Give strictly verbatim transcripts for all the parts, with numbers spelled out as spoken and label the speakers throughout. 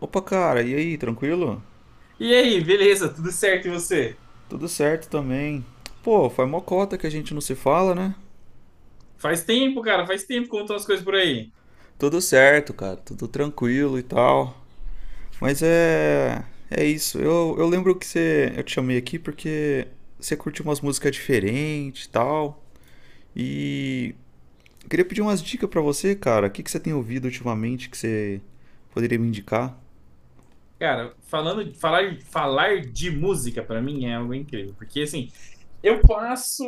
Speaker 1: Opa, cara, e aí, tranquilo?
Speaker 2: E aí, beleza? Tudo certo e você?
Speaker 1: Tudo certo também. Pô, faz mó cota que a gente não se fala, né?
Speaker 2: Faz tempo, cara, faz tempo que contam as coisas por aí.
Speaker 1: Tudo certo, cara, tudo tranquilo e tal. Mas é. É isso. Eu, eu lembro que você. Eu te chamei aqui porque você curte umas músicas diferentes e tal. E. eu Queria pedir umas dicas pra você, cara. O que que você tem ouvido ultimamente que você poderia me indicar?
Speaker 2: Cara, falando, falar, falar de música pra mim é algo incrível, porque assim, eu passo,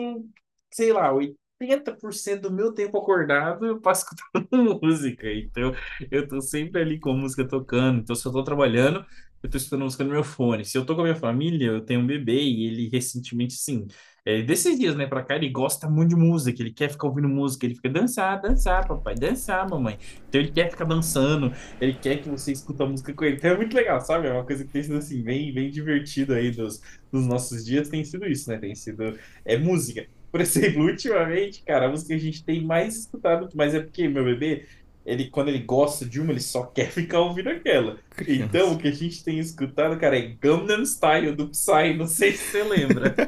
Speaker 2: sei lá, oitenta por cento do meu tempo acordado eu passo escutando música. Então, eu tô sempre ali com a música tocando. Então, se eu tô trabalhando, eu tô escutando música no meu fone. Se eu tô com a minha família, eu tenho um bebê e ele recentemente, sim, é, desses dias, né, pra cá, ele gosta muito de música. Ele quer ficar ouvindo música. Ele fica dançar, dançar, papai, dançar, mamãe. Então, ele quer ficar dançando. Ele quer que você escuta a música com ele. Então, é muito legal, sabe? É uma coisa que tem sido, assim, bem, bem divertido aí dos dos nossos dias tem sido isso, né? Tem sido é música. Por exemplo, ultimamente, cara, a música que a gente tem mais escutado, mas é porque meu bebê, ele quando ele gosta de uma, ele só quer ficar ouvindo aquela. Então,
Speaker 1: Criança.
Speaker 2: o que a gente tem escutado, cara, é Gangnam Style do Psy, não sei se você lembra.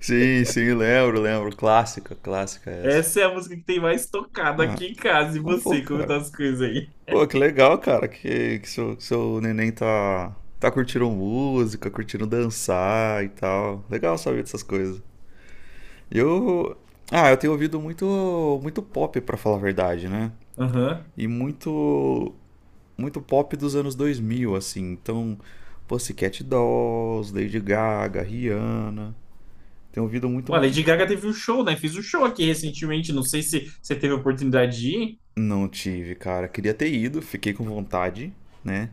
Speaker 1: Sim, sim, lembro, lembro. Clássica, clássica essa.
Speaker 2: Essa é a música que tem mais tocado
Speaker 1: Ah,
Speaker 2: aqui em casa. E
Speaker 1: ah, pô,
Speaker 2: você, como
Speaker 1: cara.
Speaker 2: tá as coisas aí?
Speaker 1: Pô, que legal, cara, que, que seu, seu neném tá, tá curtindo música, curtindo dançar e tal. Legal saber dessas coisas. Eu, ah, eu tenho ouvido muito, muito pop, pra falar a verdade, né?
Speaker 2: Aham.
Speaker 1: E muito, muito pop dos anos dois mil, assim. Então, Pussycat Dolls, Lady Gaga, Rihanna. Tenho ouvido muito.
Speaker 2: Olha,
Speaker 1: um-
Speaker 2: Lady Gaga teve um show, né? Fiz um show aqui recentemente, não sei se você teve a oportunidade de ir.
Speaker 1: Não tive, cara. Queria ter ido, fiquei com vontade, né?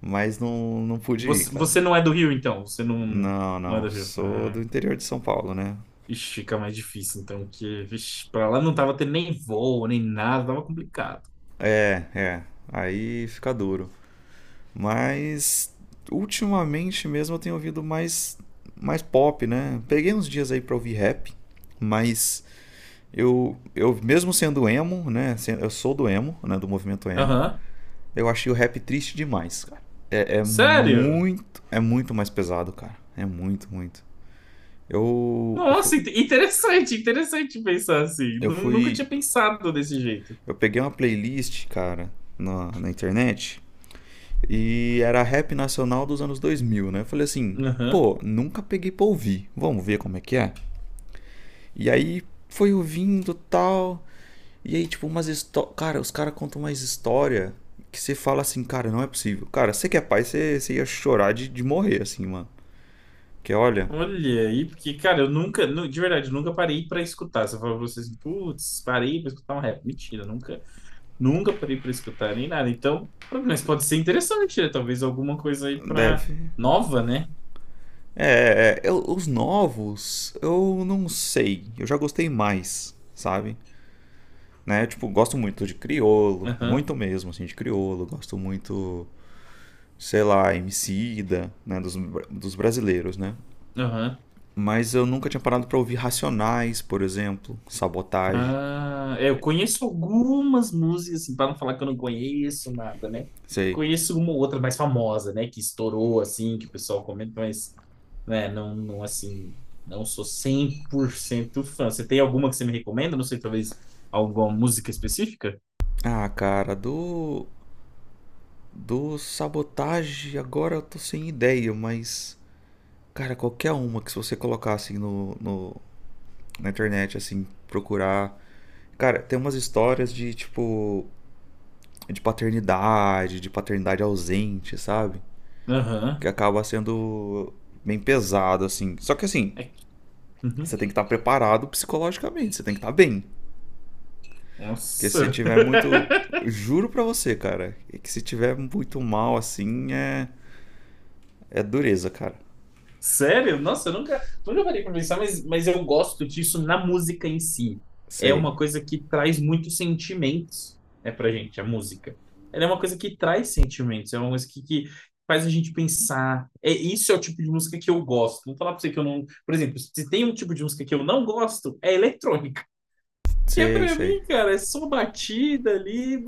Speaker 1: Mas não, não pude ir,
Speaker 2: Você,
Speaker 1: cara.
Speaker 2: você não é do Rio, então? Você não,
Speaker 1: Não,
Speaker 2: não é
Speaker 1: não.
Speaker 2: do Rio?
Speaker 1: Sou
Speaker 2: Ah.
Speaker 1: do interior de São Paulo, né?
Speaker 2: Ixi, fica mais difícil, então, que, vixe, pra lá não tava tendo nem voo, nem nada, tava complicado.
Speaker 1: É, é. Aí fica duro. Mas ultimamente mesmo eu tenho ouvido mais mais pop, né? Peguei uns dias aí pra ouvir rap, mas eu eu mesmo sendo emo, né? se- Eu sou do emo, né? Do movimento emo.
Speaker 2: Aham.
Speaker 1: Eu achei o rap triste demais, cara. É, é
Speaker 2: Sério?
Speaker 1: muito, é muito mais pesado, cara. É muito, muito. Eu eu fu-
Speaker 2: Nossa, inte- interessante, interessante pensar assim.
Speaker 1: eu
Speaker 2: Nu- Nunca
Speaker 1: fui
Speaker 2: tinha pensado desse jeito.
Speaker 1: eu peguei uma playlist, cara, na, na internet E era rap nacional dos anos dois mil, né? Eu falei assim,
Speaker 2: Aham.
Speaker 1: pô, nunca peguei pra ouvir. Vamos ver como é que é. E aí foi ouvindo tal. E aí, tipo, umas histórias. Cara, os caras contam umas história que você fala assim, cara, não é possível. Cara, você que é pai, você, você ia chorar de, de morrer, assim, mano. Porque olha,
Speaker 2: Olha aí, porque, cara, eu nunca, nu- de verdade, eu nunca parei pra escutar. Você falou pra vocês, putz, parei pra escutar um rap. Mentira, nunca, nunca parei pra escutar nem nada. Então, mas pode ser interessante, né? Talvez alguma coisa aí
Speaker 1: deve.
Speaker 2: pra nova, né?
Speaker 1: É, é, é, eu- os novos, eu não sei. Eu já gostei mais, sabe? Né? Tipo, gosto muito de criolo, muito
Speaker 2: Aham,
Speaker 1: mesmo, assim, de criolo. Gosto muito sei lá, Emicida, né, dos, dos brasileiros, né?
Speaker 2: aham.
Speaker 1: Mas eu nunca tinha parado pra ouvir Racionais, por exemplo, Sabotagem,
Speaker 2: Ah, é, eu conheço algumas músicas, assim, para não falar que eu não conheço nada, né?
Speaker 1: sei.
Speaker 2: Conheço uma ou outra mais famosa, né? Que estourou, assim, que o pessoal comenta, mas, né, não, não, assim, não sou cem por cento fã. Você tem alguma que você me recomenda? Não sei, talvez alguma música específica?
Speaker 1: Ah, cara, do do Sabotagem agora eu tô sem ideia, mas cara, qualquer uma que se você colocar assim no, no na internet assim, procurar, cara, tem umas histórias de tipo de paternidade, de paternidade ausente, sabe? Que
Speaker 2: Aham.
Speaker 1: acaba sendo bem pesado assim. Só que assim,
Speaker 2: É que- uhum.
Speaker 1: Você tem que estar preparado psicologicamente, você tem que estar bem. Porque se você
Speaker 2: Nossa.
Speaker 1: tiver muito. Juro pra você, cara, é que se tiver muito mal assim, é. É dureza, cara.
Speaker 2: Sério? Nossa, eu nunca, nunca parei pra pensar, mas, mas eu gosto disso na música em si. É
Speaker 1: Sei.
Speaker 2: uma coisa que traz muitos sentimentos, é pra gente, a música. Ela é uma coisa que traz sentimentos, é uma coisa que, que faz a gente pensar. É, isso é o tipo de música que eu gosto. Vou falar pra você que eu não. Por exemplo, se tem um tipo de música que eu não gosto, é eletrônica. Que é
Speaker 1: Sei,
Speaker 2: pra
Speaker 1: sei.
Speaker 2: mim, cara, é só batida ali.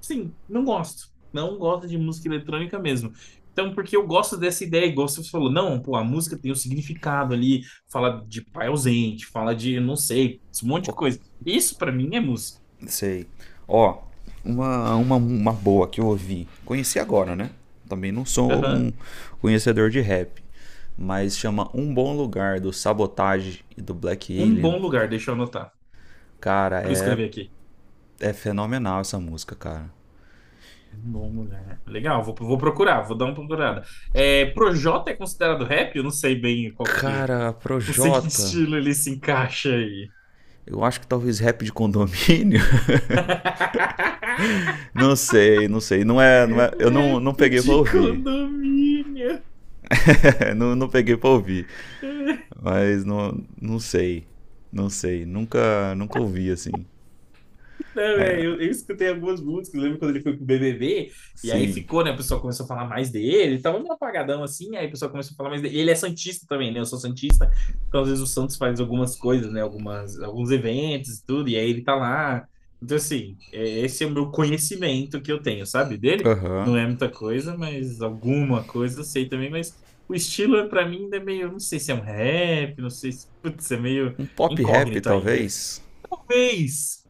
Speaker 2: Sim, não gosto. Não gosto de música eletrônica mesmo. Então, porque eu gosto dessa ideia, igual você falou, não, pô, a música tem um significado ali, fala de pai ausente, fala de, não sei, um monte de coisa. Isso pra mim é música.
Speaker 1: Sei. Ó, uma, uma, uma boa que eu ouvi. Conheci agora, né? Também não sou um
Speaker 2: Aham.
Speaker 1: conhecedor de rap. Mas chama Um Bom Lugar do Sabotage e do Black
Speaker 2: Um
Speaker 1: Alien.
Speaker 2: bom lugar, deixa eu anotar.
Speaker 1: Cara,
Speaker 2: Vou
Speaker 1: é,
Speaker 2: escrever aqui.
Speaker 1: é fenomenal essa música, cara.
Speaker 2: Um bom lugar. Legal, vou, vou procurar, vou dar uma procurada. É, Projota é considerado rap? Eu não sei bem qual que.
Speaker 1: Cara,
Speaker 2: Não sei que
Speaker 1: Projota,
Speaker 2: estilo ele se encaixa aí.
Speaker 1: eu acho que talvez rap de condomínio. Não sei, não sei. Não é, não é, eu não,
Speaker 2: Rap
Speaker 1: não peguei pra
Speaker 2: de
Speaker 1: ouvir.
Speaker 2: condomínio.
Speaker 1: não, não peguei pra ouvir. Mas não, não sei. Não sei. Nunca, nunca ouvi assim.
Speaker 2: Não, é, eu, eu escutei algumas músicas, lembro quando ele foi pro B B B, e aí
Speaker 1: Sim.
Speaker 2: ficou, né? O pessoal começou a falar mais dele, tava meio apagadão assim, aí o pessoal começou a falar mais dele. E ele é santista também, né? Eu sou santista, então às vezes o Santos faz algumas coisas, né? Algumas, alguns eventos e tudo, e aí ele tá lá. Então, assim, é, esse é o meu conhecimento que eu tenho, sabe? Dele
Speaker 1: Aham.
Speaker 2: não é muita coisa, mas alguma coisa eu sei também, mas o estilo é, pra mim ainda é meio, não sei se é um rap, não sei se, putz, é meio
Speaker 1: Uhum. Um pop rap,
Speaker 2: incógnito ainda.
Speaker 1: talvez.
Speaker 2: Talvez.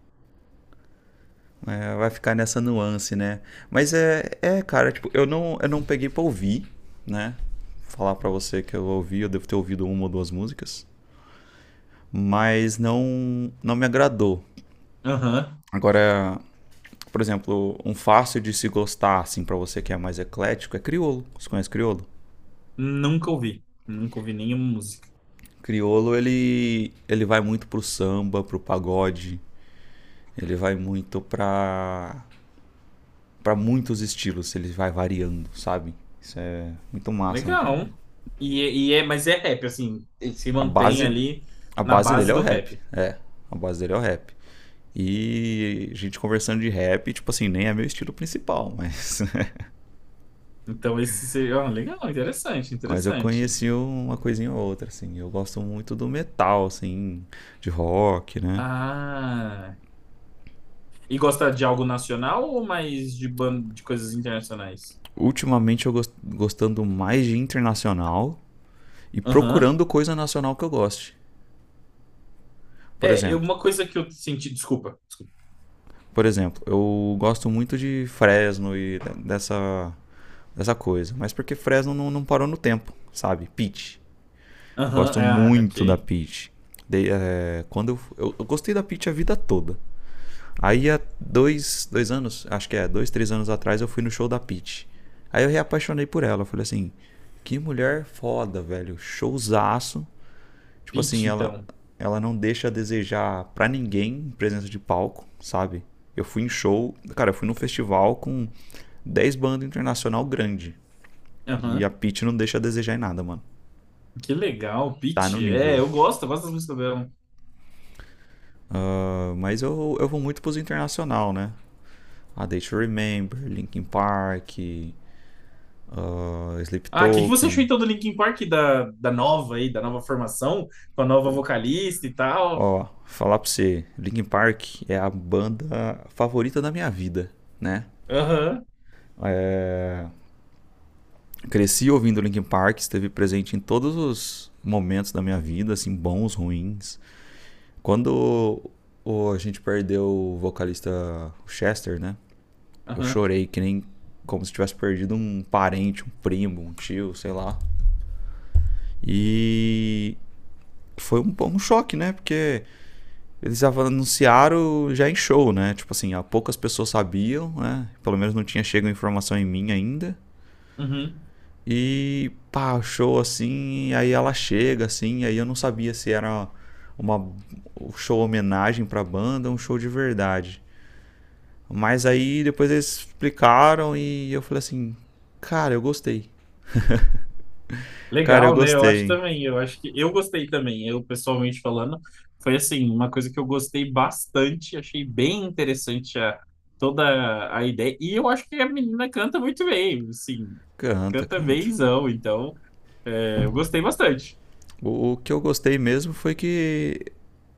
Speaker 1: É, vai ficar nessa nuance, né? Mas é, é, cara, tipo, eu não, eu não peguei pra ouvir, né? Falar pra você que eu ouvi, eu devo ter ouvido uma ou duas músicas. Mas não, não me agradou.
Speaker 2: Aham.
Speaker 1: Agora, Por exemplo, um fácil de se gostar, assim, para você que é mais eclético, é criolo. Você conhece criolo?
Speaker 2: Nunca ouvi. Nunca ouvi nenhuma música.
Speaker 1: Criolo, ele, ele vai muito pro samba, pro pagode. Ele vai muito pra, pra muitos estilos. Ele vai variando, sabe? Isso é muito massa no criolo.
Speaker 2: Legal. E, é- e é, mas é rap, assim, ele se
Speaker 1: A
Speaker 2: mantém
Speaker 1: base,
Speaker 2: ali
Speaker 1: a
Speaker 2: na
Speaker 1: base dele
Speaker 2: base
Speaker 1: é o
Speaker 2: do
Speaker 1: rap.
Speaker 2: rap.
Speaker 1: É, a base dele é o rap. E a gente conversando de rap, tipo assim, nem é meu estilo principal, mas
Speaker 2: Então, esse seria. Ó, legal, interessante,
Speaker 1: Mas eu
Speaker 2: interessante.
Speaker 1: conheci uma coisinha ou outra, assim. Eu gosto muito do metal, assim, de rock, né?
Speaker 2: Ah. E gosta de algo nacional ou mais de, ban... de coisas internacionais?
Speaker 1: Ultimamente eu gos- gostando mais de internacional e
Speaker 2: Aham.
Speaker 1: procurando coisa nacional que eu goste. Por
Speaker 2: É, eu-
Speaker 1: exemplo,
Speaker 2: uma coisa que eu senti. Desculpa.
Speaker 1: por exemplo, eu gosto muito de Fresno e de- dessa, dessa coisa. Mas porque Fresno não, não parou no tempo, sabe? Peach.
Speaker 2: Aham,
Speaker 1: Gosto
Speaker 2: ah, ok.
Speaker 1: muito da Peach. De- eh, quando eu, eu, eu gostei da Peach a vida toda. Aí há dois, dois anos, acho que é, dois, três anos atrás, eu fui no show da Pete. Aí eu reapaixonei por ela. Eu falei assim, que mulher foda, velho. Showzaço. Tipo assim,
Speaker 2: Pitty,
Speaker 1: ela,
Speaker 2: então.
Speaker 1: ela não deixa a desejar pra ninguém em presença de palco, sabe? Eu fui em show, cara, eu fui num festival com dez bandas internacional grande. E a
Speaker 2: Aham.
Speaker 1: Pete não deixa a desejar em nada, mano.
Speaker 2: Que legal,
Speaker 1: Tá no
Speaker 2: Pitty. É,
Speaker 1: nível.
Speaker 2: eu gosto, eu gosto das músicas dela.
Speaker 1: Ah, mas eu, eu vou muito pros internacional, né? A Day to Remember, Linkin Park, uh, Sleep
Speaker 2: Ah, o que que você achou
Speaker 1: Token.
Speaker 2: então do Linkin Park, da, da nova aí, da nova formação, com a nova
Speaker 1: Pô,
Speaker 2: vocalista e tal?
Speaker 1: ó, falar pra você, Linkin Park é a banda favorita da minha vida, né?
Speaker 2: Aham,
Speaker 1: É, cresci ouvindo Linkin Park, esteve presente em todos os momentos da minha vida, assim, bons, ruins. Quando o- a gente perdeu o vocalista Chester, né? Eu
Speaker 2: aham,
Speaker 1: chorei que nem como se tivesse perdido um parente, um primo, um tio, sei lá. E foi um, um choque, né? Porque eles já anunciaram já em show, né? Tipo assim, há poucas pessoas sabiam, né? Pelo menos não tinha chegado informação em mim ainda.
Speaker 2: uhum.
Speaker 1: E pá, show assim, aí ela chega assim, aí eu não sabia se era uma um show homenagem pra banda, ou um show de verdade. Mas aí depois eles explicaram e eu falei assim, cara, eu gostei. Cara, eu
Speaker 2: Legal, né? Eu acho
Speaker 1: gostei.
Speaker 2: também, eu acho que eu gostei também, eu pessoalmente falando, foi assim, uma coisa que eu gostei bastante, achei bem interessante a, toda a ideia, e eu acho que a menina canta muito bem, assim,
Speaker 1: Canta,
Speaker 2: canta
Speaker 1: canta.
Speaker 2: bemzão, então é, eu gostei bastante.
Speaker 1: O, o que eu gostei mesmo foi que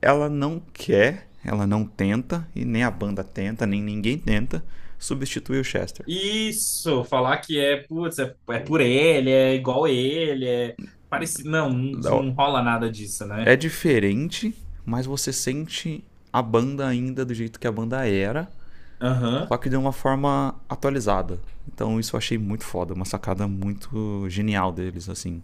Speaker 1: ela não quer, ela não tenta, e nem a banda tenta, nem ninguém tenta, substituir o Chester.
Speaker 2: Isso, falar que é, putz, é, é por ele, é igual ele, é parecido. Não, não, não rola nada disso, né?
Speaker 1: É diferente, mas você sente a banda ainda do jeito que a banda era, só
Speaker 2: Aham.
Speaker 1: que de uma forma atualizada. Então isso eu achei muito foda, uma sacada muito genial deles, assim.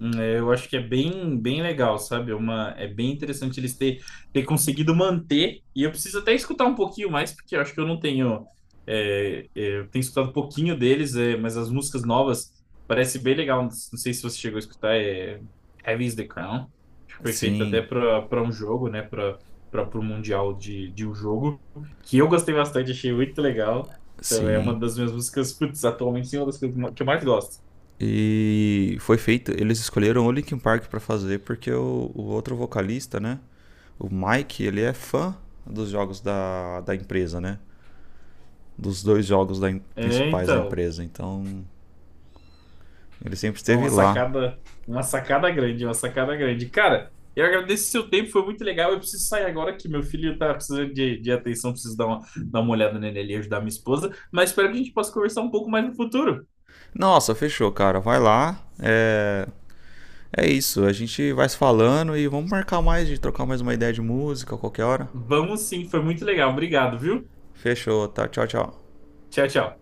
Speaker 2: Hum, é, eu acho que é bem, bem legal, sabe? É Uma, é bem interessante eles ter, ter conseguido manter, e eu preciso até escutar um pouquinho mais, porque eu acho que eu não tenho. é, é, eu tenho escutado um pouquinho deles, é, mas as músicas novas parece bem legal. Não sei se você chegou a escutar, é Heavy is the Crown, que foi feito até
Speaker 1: Sim,
Speaker 2: para para um jogo, né? Para para o Mundial de, de um jogo, que eu gostei bastante, achei muito legal. Então, é
Speaker 1: sim.
Speaker 2: uma das minhas músicas, putz, atualmente, sim, é uma das que eu que eu mais gosto.
Speaker 1: E foi feito, eles escolheram o Linkin Park para fazer porque o, o outro vocalista, né, o Mike, ele é fã dos jogos da, da empresa, né? Dos dois jogos da
Speaker 2: É,
Speaker 1: principais da
Speaker 2: então.
Speaker 1: empresa, então ele sempre
Speaker 2: Não,
Speaker 1: esteve
Speaker 2: uma
Speaker 1: lá.
Speaker 2: sacada, uma sacada grande, uma sacada grande. Cara, eu agradeço o seu tempo, foi muito legal. Eu preciso sair agora que meu filho tá precisando de, de atenção, preciso dar uma, dar uma olhada nele ali, ajudar minha esposa. Mas espero que a gente possa conversar um pouco mais no futuro.
Speaker 1: Nossa, fechou, cara. Vai lá. É, é, isso. A gente vai se falando e vamos marcar mais de trocar mais uma ideia de música a qualquer hora.
Speaker 2: Vamos sim, foi muito legal. Obrigado, viu?
Speaker 1: Fechou, tá? Tchau, tchau.
Speaker 2: Tchau, tchau.